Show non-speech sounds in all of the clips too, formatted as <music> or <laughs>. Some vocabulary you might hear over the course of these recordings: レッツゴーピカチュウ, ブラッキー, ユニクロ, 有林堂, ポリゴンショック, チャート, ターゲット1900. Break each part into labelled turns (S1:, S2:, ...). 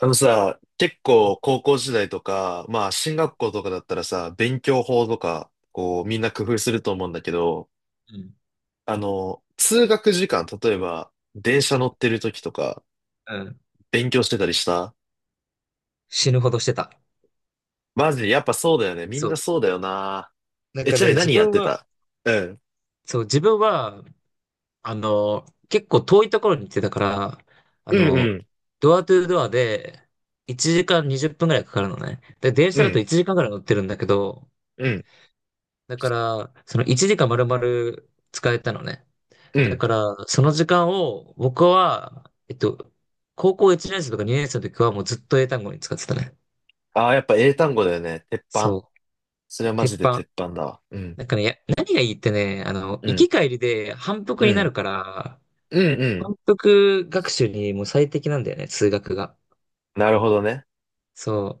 S1: あのさ、結構高校時代とか、まあ進学校とかだったらさ、勉強法とか、こうみんな工夫すると思うんだけど、
S2: うん。
S1: 通学時間、例えば電車乗ってる時とか、
S2: うん。
S1: 勉強してたりした。
S2: 死ぬほどしてた。
S1: マジ、でやっぱそうだよね。みん
S2: そ
S1: な
S2: う。
S1: そうだよな。
S2: なん
S1: え、
S2: か
S1: ちなみ
S2: ね、
S1: に
S2: 自
S1: 何やっ
S2: 分
S1: て
S2: は、
S1: た？うん。
S2: そう、自分は、結構遠いところに行ってたから、あ
S1: うんう
S2: の、
S1: ん。
S2: ドアトゥードアで1時間20分ぐらいかかるのね。で、電
S1: う
S2: 車だと
S1: ん。
S2: 1時間ぐらい乗ってるんだけど、
S1: うん。
S2: だから、その1時間丸々使えたのね。
S1: う
S2: だ
S1: ん。
S2: から、その時間を僕は、高校1年生とか2年生の時はもうずっと英単語に使ってたね。
S1: ああ、やっぱ英単語だよね。鉄板。
S2: そう。
S1: それはマ
S2: 鉄
S1: ジで
S2: 板。
S1: 鉄板だわ。うん。
S2: なんかね、何がいいってね、
S1: う
S2: 行
S1: ん。
S2: き帰りで反復
S1: う
S2: になる
S1: ん。
S2: から、
S1: うんうん。
S2: 反復学習にもう最適なんだよね、数学が。
S1: なるほどね。
S2: そう。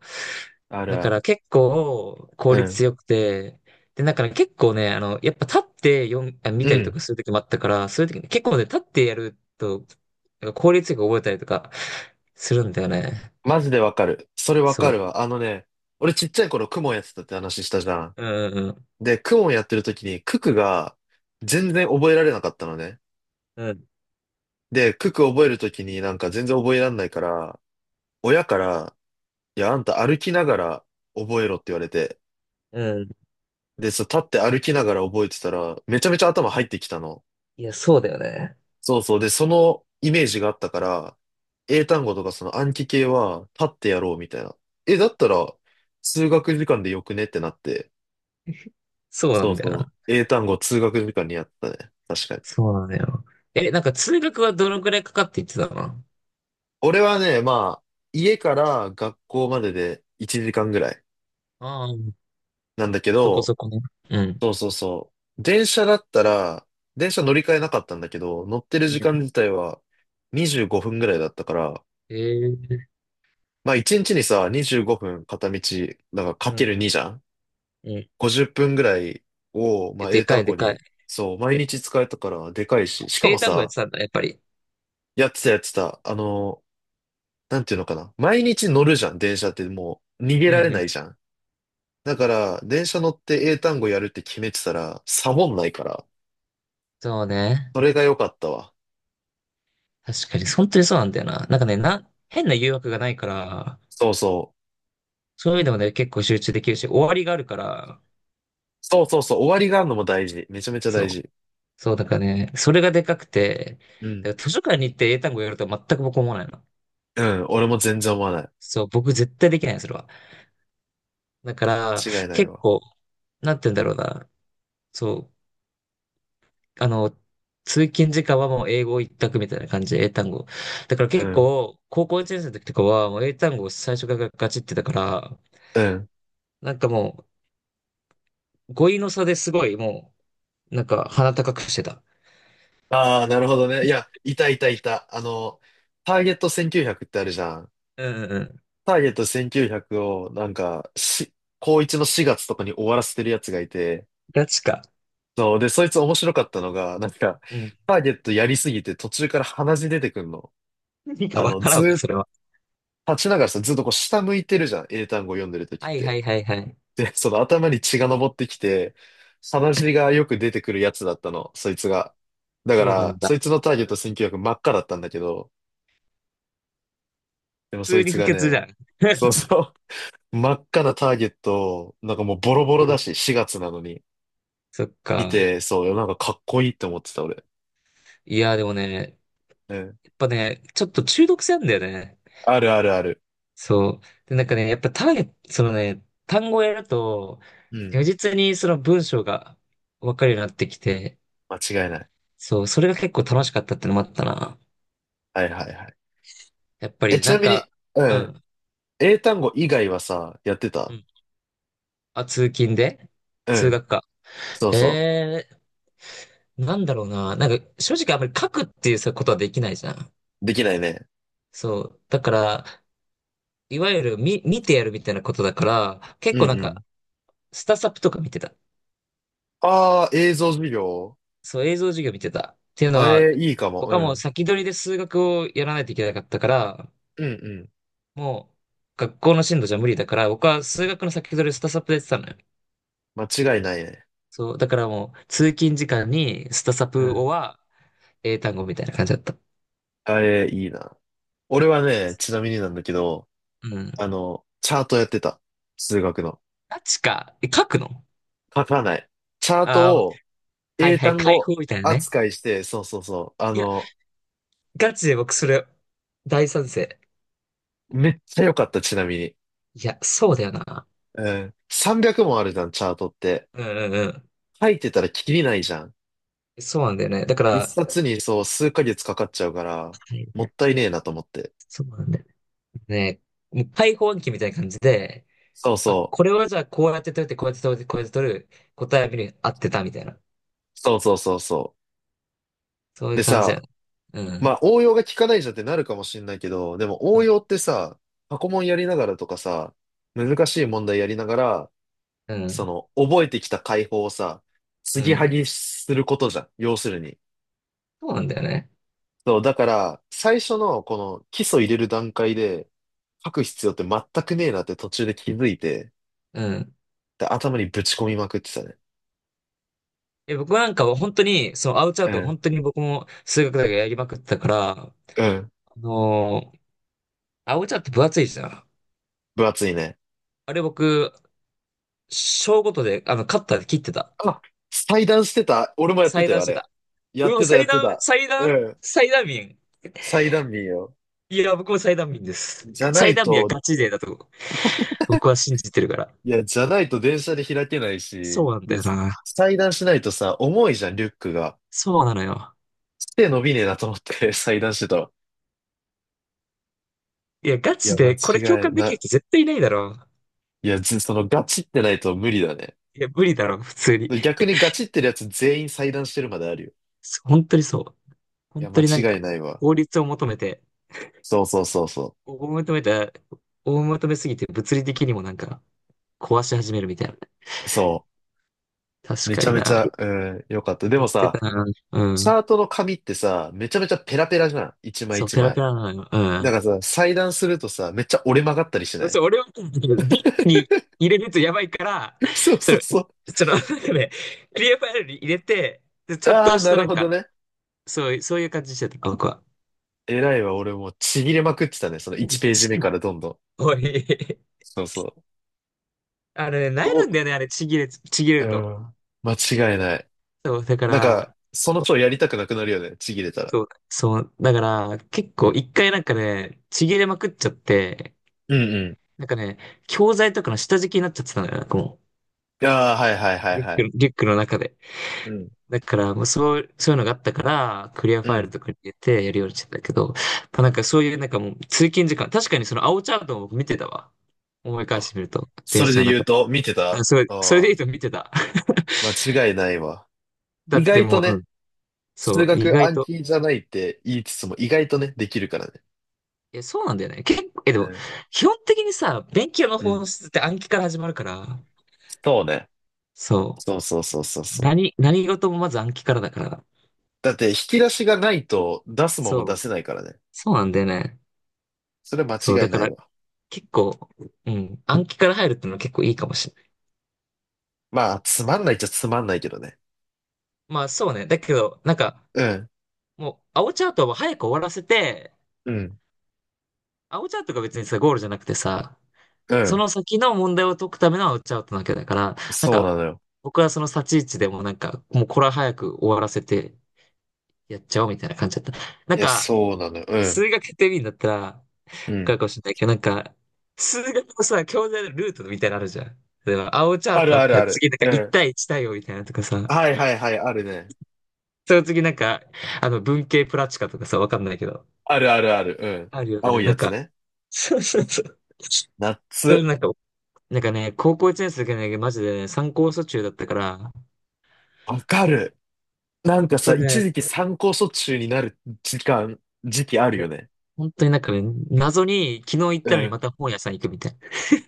S1: ある
S2: だ
S1: あ
S2: から
S1: る。
S2: 結構効
S1: うん。
S2: 率よくて、で、だから結構ね、やっぱ立って読ん、あ、見
S1: う
S2: たりと
S1: ん。
S2: かするときもあったから、そういうとき結構ね、立ってやると、なんか効率よく覚えたりとかするんだよね。
S1: マジでわかる。それわか
S2: そ
S1: るわ。あのね、俺ちっちゃい頃クモンやってたって話したじゃん。
S2: う。うんうん
S1: で、クモンやってる時にククが全然覚えられなかったのね。
S2: うん。
S1: で、クク覚える時になんか全然覚えらんないから、親から、いや、あんた歩きながら覚えろって言われて。
S2: うん。うん。
S1: で、そう、立って歩きながら覚えてたら、めちゃめちゃ頭入ってきたの。
S2: いや、そうだよね。
S1: そうそう。で、そのイメージがあったから、英単語とかその暗記系は立ってやろうみたいな。え、だったら、数学時間でよくねってなって。
S2: そうな
S1: そう
S2: んだよ
S1: そう。
S2: な。
S1: 英単語通学時間にあったね。確かに。
S2: そうなんだよ。え、なんか通学はどのくらいかかって言ってたの？
S1: 俺はね、まあ、家から学校までで1時間ぐらい
S2: ああ、
S1: なんだけ
S2: そこ
S1: ど、
S2: そこね。うん。
S1: そうそうそう。電車だったら、電車乗り換えなかったんだけど、乗ってる時間自体は25分ぐらいだったから、
S2: ええー、
S1: まあ1日にちにさ、25分片道、だからか
S2: う
S1: け
S2: ん、
S1: る2じゃん。
S2: うん。い
S1: 50 分ぐらいを、ま
S2: や、
S1: あ
S2: で
S1: 英
S2: か
S1: 単
S2: いで
S1: 語
S2: かい。
S1: に、そう、毎日使えたからでかいし、しかも
S2: 英単語やっ
S1: さ、
S2: てたんだ、やっぱり。
S1: やってたやってた、なんていうのかな。毎日乗るじゃん、電車ってもう逃
S2: う
S1: げられ
S2: んう
S1: な
S2: ん。
S1: いじゃん。だから、電車乗って英単語やるって決めてたら、サボんないから、
S2: そうね。
S1: それが良かったわ。
S2: 確かに、本当にそうなんだよな。なんかね、変な誘惑がないから、
S1: そうそう。
S2: そういう意味でもね、結構集中できるし、終わりがあるから、
S1: そうそうそう、終わりがあるのも大事。めちゃめちゃ大
S2: そう。
S1: 事。
S2: そう、だからね、それがでかくて、
S1: うん。
S2: だから図書館に行って英単語やるとは全く僕思わないの。
S1: うん、俺も全然思わない。
S2: そう、僕絶対できないの、それは。だから、
S1: 間違いない
S2: 結
S1: わ。
S2: 構、なんて言うんだろうな。そう、通勤時間はもう英語一択みたいな感じで英単語。だから
S1: う
S2: 結
S1: ん、
S2: 構、高校1年生の時とかはもう英単語を最初からガチってたから、
S1: うん。
S2: なんかもう、語彙の差ですごいもう、なんか鼻高くしてた。
S1: ああ、なるほどね。いや、いたいたいた。ターゲット1900ってあるじゃん。
S2: うんうんうん。
S1: ターゲット1900を、なんか、高1の4月とかに終わらせてるやつがいて、
S2: ガチか。
S1: そう。で、そいつ面白かったのが、なんか、
S2: うん。
S1: タ
S2: <laughs>
S1: ーゲットやりすぎて途中から鼻血出てくんの。
S2: 何かわか
S1: ず
S2: らん
S1: ー
S2: わ、
S1: っと、
S2: それは。
S1: 立ちながらさ、ずっとこう下向いてるじゃん。英単語読んでる時っ
S2: はいは
S1: て。
S2: いはいはい。
S1: で、その頭に血が上ってきて、鼻血がよく出てくるやつだったの、そいつが。だか
S2: そうな
S1: ら、
S2: んだ。
S1: そいつのターゲット選挙枠真っ赤だったんだけど、でも
S2: 普
S1: そ
S2: 通
S1: い
S2: に
S1: つ
S2: 不
S1: が
S2: 潔じゃ
S1: ね、
S2: ん。
S1: そう
S2: <laughs>
S1: そう、真っ赤なターゲットを、なんかもうボロボ
S2: お
S1: ロ
S2: も
S1: だ
S2: ろ。
S1: し、4月なのに。
S2: そっ
S1: 見
S2: か。
S1: て、そう、なんかかっこいいって思ってた、俺。
S2: いや、でもね、
S1: うん。
S2: やっぱね、ちょっと中毒性あんだよね。
S1: あるあるある。
S2: そう。で、なんかね、やっぱそのね、単語をやると、
S1: うん。
S2: 如実にその文章がわかるようになってきて、
S1: 間違いない。
S2: そう、それが結構楽しかったってのもあったな。
S1: はいはいはい。
S2: やっぱ
S1: え、
S2: り
S1: ち
S2: な
S1: な
S2: ん
S1: みに、
S2: か、
S1: う
S2: う
S1: ん。
S2: ん、
S1: 英単語以外はさ、やって
S2: う
S1: た？
S2: ん。あ、通勤で
S1: う
S2: 通
S1: ん。
S2: 学か。
S1: そうそ
S2: ええ、なんだろうな。なんか、正直あんまり書くっていうことはできないじゃん。
S1: う。できないね。
S2: そう。だから、いわゆる見てやるみたいなことだから、結
S1: うんう
S2: 構なん
S1: ん。
S2: か、スタサプとか見てた。
S1: ああ、映像授業。
S2: そう、映像授業見てた。っていうの
S1: あ
S2: は、
S1: れ、いいかも。
S2: 僕
S1: う
S2: はもう
S1: ん。
S2: 先取りで数学をやらないといけなかったから、
S1: うんうん。
S2: もう学校の進度じゃ無理だから、僕は数学の先取りをスタサプでやってたのよ。
S1: 間違いないね。
S2: そう、だからもう通勤時間にスタサ
S1: う
S2: プを
S1: ん。
S2: は英単語みたいな感じだった。
S1: あれ、いいな。俺はね、ちなみになんだけど、
S2: うん。
S1: チャートやってた。数学の。
S2: ガチか。え、書くの？
S1: 書かない。チャー
S2: あ
S1: ト
S2: あー、
S1: を
S2: はい
S1: 英
S2: はい、
S1: 単
S2: 解
S1: 語
S2: 放みたいなね。
S1: 扱いして、そうそうそう。
S2: いや、ガチで僕それ大賛成。
S1: めっちゃ良かった、ちなみに。
S2: いや、そうだよな。
S1: うん。300もあるじゃん、チャートって。
S2: うんうんう
S1: 書いてたらきりないじゃん。
S2: ん。そうなんだよね。だから、
S1: 一
S2: は
S1: 冊にそう、数ヶ月かかっちゃうから、
S2: い
S1: も
S2: は
S1: っ
S2: い、
S1: たいねえなと思って。
S2: そうなんだよ。ね、もう開放暗記みたいな感じで、
S1: そう
S2: あ、
S1: そ
S2: これはじゃあこうやって取って、こうやって取って、こうやって取る、答えは見る、合ってたみたいな。
S1: う。そうそうそうそ
S2: そう
S1: う。
S2: い
S1: で
S2: う感じだよ
S1: さ、
S2: ね。う
S1: ま
S2: ん。
S1: あ応用が効かないじゃんってなるかもしんないけど、でも
S2: う
S1: 応
S2: ん。
S1: 用ってさ、過去問やりながらとかさ、難しい問題やりながら、
S2: う
S1: そ
S2: ん。
S1: の、覚えてきた解法をさ、
S2: う
S1: 継ぎは
S2: ん、
S1: ぎすることじゃん。要するに。
S2: そうなんだよね。
S1: そう、だから、最初のこの基礎入れる段階で書く必要って全くねえなって途中で気づいて、
S2: うん。
S1: で、頭にぶち込みまくってたね。
S2: え、僕なんかは本当に、その青チャ
S1: う
S2: ート、
S1: ん。
S2: 本当に僕も数学だけやりまくってたから、あ
S1: うん。
S2: のー青チャート分厚いじゃん。
S1: 分厚いね。
S2: あれ僕、小ごとで、カッターで切ってた。
S1: あ、裁断してた。俺もやって
S2: 裁
S1: たよ、
S2: 断
S1: あ
S2: して
S1: れ。
S2: た。
S1: や
S2: う
S1: っ
S2: わ、
S1: てた、や
S2: 裁
S1: って
S2: 断、
S1: た。
S2: 裁
S1: う
S2: 断、
S1: ん。
S2: 裁断民。
S1: 裁断民よ。
S2: いや、僕も裁断民です。
S1: じゃな
S2: 裁
S1: い
S2: 断民は
S1: と、
S2: ガチ勢だと思う。僕は信じてるから。
S1: いや、じゃないと電車で開けないし、
S2: そうなんだ
S1: で、
S2: よな。
S1: 裁断しないとさ、重いじゃん、リュックが。
S2: そうなのよ。
S1: 手伸びねえなと思って <laughs> 裁断してたわ。
S2: いや、ガ
S1: い
S2: チ
S1: や、間
S2: で、これ共
S1: 違い
S2: 感できる
S1: な。
S2: 人絶対いないだろ
S1: いや、ず、その、ガチってないと無理だね。
S2: う。いや、無理だろう、普通に。
S1: 逆にガチってるやつ全員裁断してるまであるよ。
S2: そう、本当にそう。
S1: い
S2: 本
S1: や、間
S2: 当になんか、
S1: 違いないわ。
S2: 効率
S1: そうそうそうそ
S2: を求めた、を求めすぎて物理的にもなんか、壊し始めるみたいな。
S1: う。そう。
S2: 確
S1: め
S2: か
S1: ちゃ
S2: に
S1: めち
S2: な。
S1: ゃ、うん、よかった。で
S2: やっ
S1: も
S2: て
S1: さ、
S2: たな。う
S1: チャ
S2: ん。
S1: ートの紙ってさ、めちゃめちゃペラペラじゃん。一枚
S2: そう、
S1: 一
S2: ペラ
S1: 枚。
S2: ペラなのよ。う
S1: だか
S2: ん。
S1: らさ、裁断するとさ、めっちゃ折れ曲がったりしな
S2: 俺、
S1: い？
S2: そう、俺は、リップに入れるとやばいから、
S1: <laughs> そう
S2: そ
S1: そう
S2: れ、
S1: そ
S2: その、なんかね、クリアファイルに入れて、でち
S1: う。
S2: ゃん
S1: あ
S2: と
S1: あ、
S2: し
S1: な
S2: たな
S1: る
S2: ん
S1: ほど
S2: か、
S1: ね。
S2: そう、そういう感じしてた、この子は。
S1: 偉いわ、俺もうちぎれまくってたね。その1ページ目か
S2: <laughs>
S1: らどんどん。
S2: おい、
S1: そうそう。
S2: あれね、なえ
S1: ど
S2: る
S1: う、
S2: んだよね、あれ、ちぎれ
S1: う
S2: ると。
S1: ん。間違いない。
S2: そう、だか
S1: なんか、
S2: ら、
S1: その人やりたくなくなるよね。ちぎれたら。
S2: そう、そう、だから、結
S1: う
S2: 構
S1: ん。
S2: 一回なんかね、ちぎれまくっちゃって、
S1: うんう
S2: なんかね、教材とかの下敷きになっちゃってたのよ、なんかも
S1: ん。ああ、はいはいは
S2: う、
S1: いはい。
S2: リュックの中で。
S1: うん。
S2: だから、もうそう、そういうのがあったから、クリア
S1: う
S2: ファイル
S1: ん。
S2: とかに入れてやるようにしてたけど、やっぱなんかそういうなんかもう通勤時間、確かにその青チャートを見てたわ。思い返し
S1: あ、
S2: てみると、
S1: そ
S2: 電
S1: れ
S2: 車
S1: で
S2: の
S1: 言う
S2: 中。
S1: と、見て
S2: あ、
S1: た。
S2: それで
S1: あ
S2: いい
S1: あ
S2: と見てた。
S1: ー、間違いないわ。
S2: だ
S1: 意
S2: って
S1: 外と
S2: もう、う
S1: ね、
S2: ん。そ
S1: 数
S2: う、意
S1: 学
S2: 外
S1: 暗
S2: と。
S1: 記じゃないって言いつつも意外とね、できるからね。
S2: え、そうなんだよね。結構、え、で
S1: う
S2: も、
S1: ん。
S2: 基本的にさ、勉強の
S1: うん。
S2: 本質って暗記から始まるから、
S1: そうね。
S2: そ
S1: そうそうそう
S2: う。
S1: そうそう。
S2: 何事もまず暗記からだから。
S1: だって引き出しがないと出すもんも
S2: そ
S1: 出
S2: う。
S1: せないからね。
S2: そうなんだよね。
S1: それは
S2: そう、
S1: 間違
S2: だ
S1: い
S2: か
S1: ない
S2: ら、
S1: わ。
S2: 結構、うん、暗記から入るってのは結構いいかもしれない。
S1: まあ、つまんないっちゃつまんないけどね。
S2: まあ、そうね。だけど、なんか、
S1: うん。
S2: もう、青チャートは早く終わらせて、
S1: うん。
S2: 青チャートが別にさ、ゴールじゃなくてさ、
S1: う
S2: そ
S1: ん。
S2: の先の問題を解くためのアウトアウトなわけだから、なん
S1: そうな
S2: か、
S1: のよ。
S2: 僕はその立ち位置でもなんか、もうこれは早く終わらせてやっちゃおうみたいな感じだった。なん
S1: いや、
S2: か、
S1: そうなのよ。うん。
S2: 数学やってみるんだったら、わ
S1: う
S2: かる
S1: ん。
S2: かもしれないけど、なんか、数学のさ、教材のルートみたいなのあるじゃん。例えば、青チャ
S1: あ
S2: ート
S1: る
S2: だ
S1: あ
S2: った
S1: る
S2: ら
S1: ある。
S2: 次なんか
S1: う
S2: 1
S1: ん。
S2: 対1対応みたいなのとかさ、
S1: はいはいはい、あるね。
S2: その次なんか、文系プラチカとかさ、わかんないけど、
S1: あるあるある。うん。
S2: あるよ
S1: 青
S2: ね。
S1: い
S2: な
S1: や
S2: ん
S1: つ
S2: か、
S1: ね。
S2: そうそうそう。
S1: ナッ
S2: それ
S1: ツ。
S2: なんか、なんかね、高校1年生だけどね、マジでね、参考書中だったから、
S1: わかる。なん
S2: 本
S1: かさ、
S2: 当
S1: 一
S2: ね、
S1: 時期参考書中になる時間、時期あ
S2: い
S1: る
S2: や、
S1: よね。
S2: 本当になんかね、謎に昨日行っ
S1: う
S2: たのにま
S1: ん。
S2: た本屋さん行くみたいな。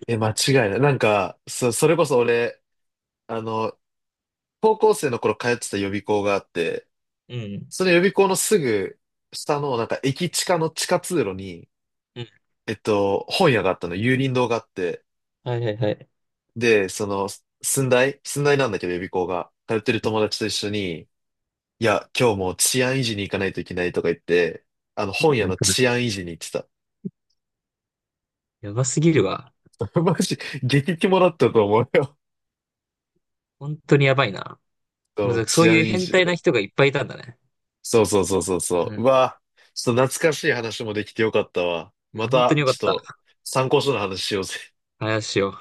S1: え、間違いない。なんか、それこそ俺、あの、高校生の頃通ってた予備校があって、
S2: うん。
S1: その予備校のすぐ下の、なんか駅地下の地下通路に、
S2: うん。
S1: 本屋があったの、有林堂があって、
S2: はいはいはい。
S1: で、その、寸大寸大なんだけど予備校が、通ってる友達と一緒に、いや、今日もう治安維持に行かないといけないとか言って、本屋の治安維持に行ってた。
S2: やばすぎるわ。
S1: <laughs> マジ、激キモだったと思うよ。
S2: 本当にやばいな。も
S1: そう、
S2: うそう
S1: 治安
S2: いう
S1: 維
S2: 変
S1: 持と
S2: 態
S1: か。
S2: な人がいっぱいいたんだね。
S1: そうそうそうそうそ
S2: う
S1: う。う
S2: ん。
S1: わ、ちょっと懐かしい話もできてよかったわ。
S2: い
S1: ま
S2: や、本当
S1: た、
S2: によか
S1: ちょっ
S2: っ
S1: と、
S2: た。
S1: 参考書の話しようぜ。
S2: 話を。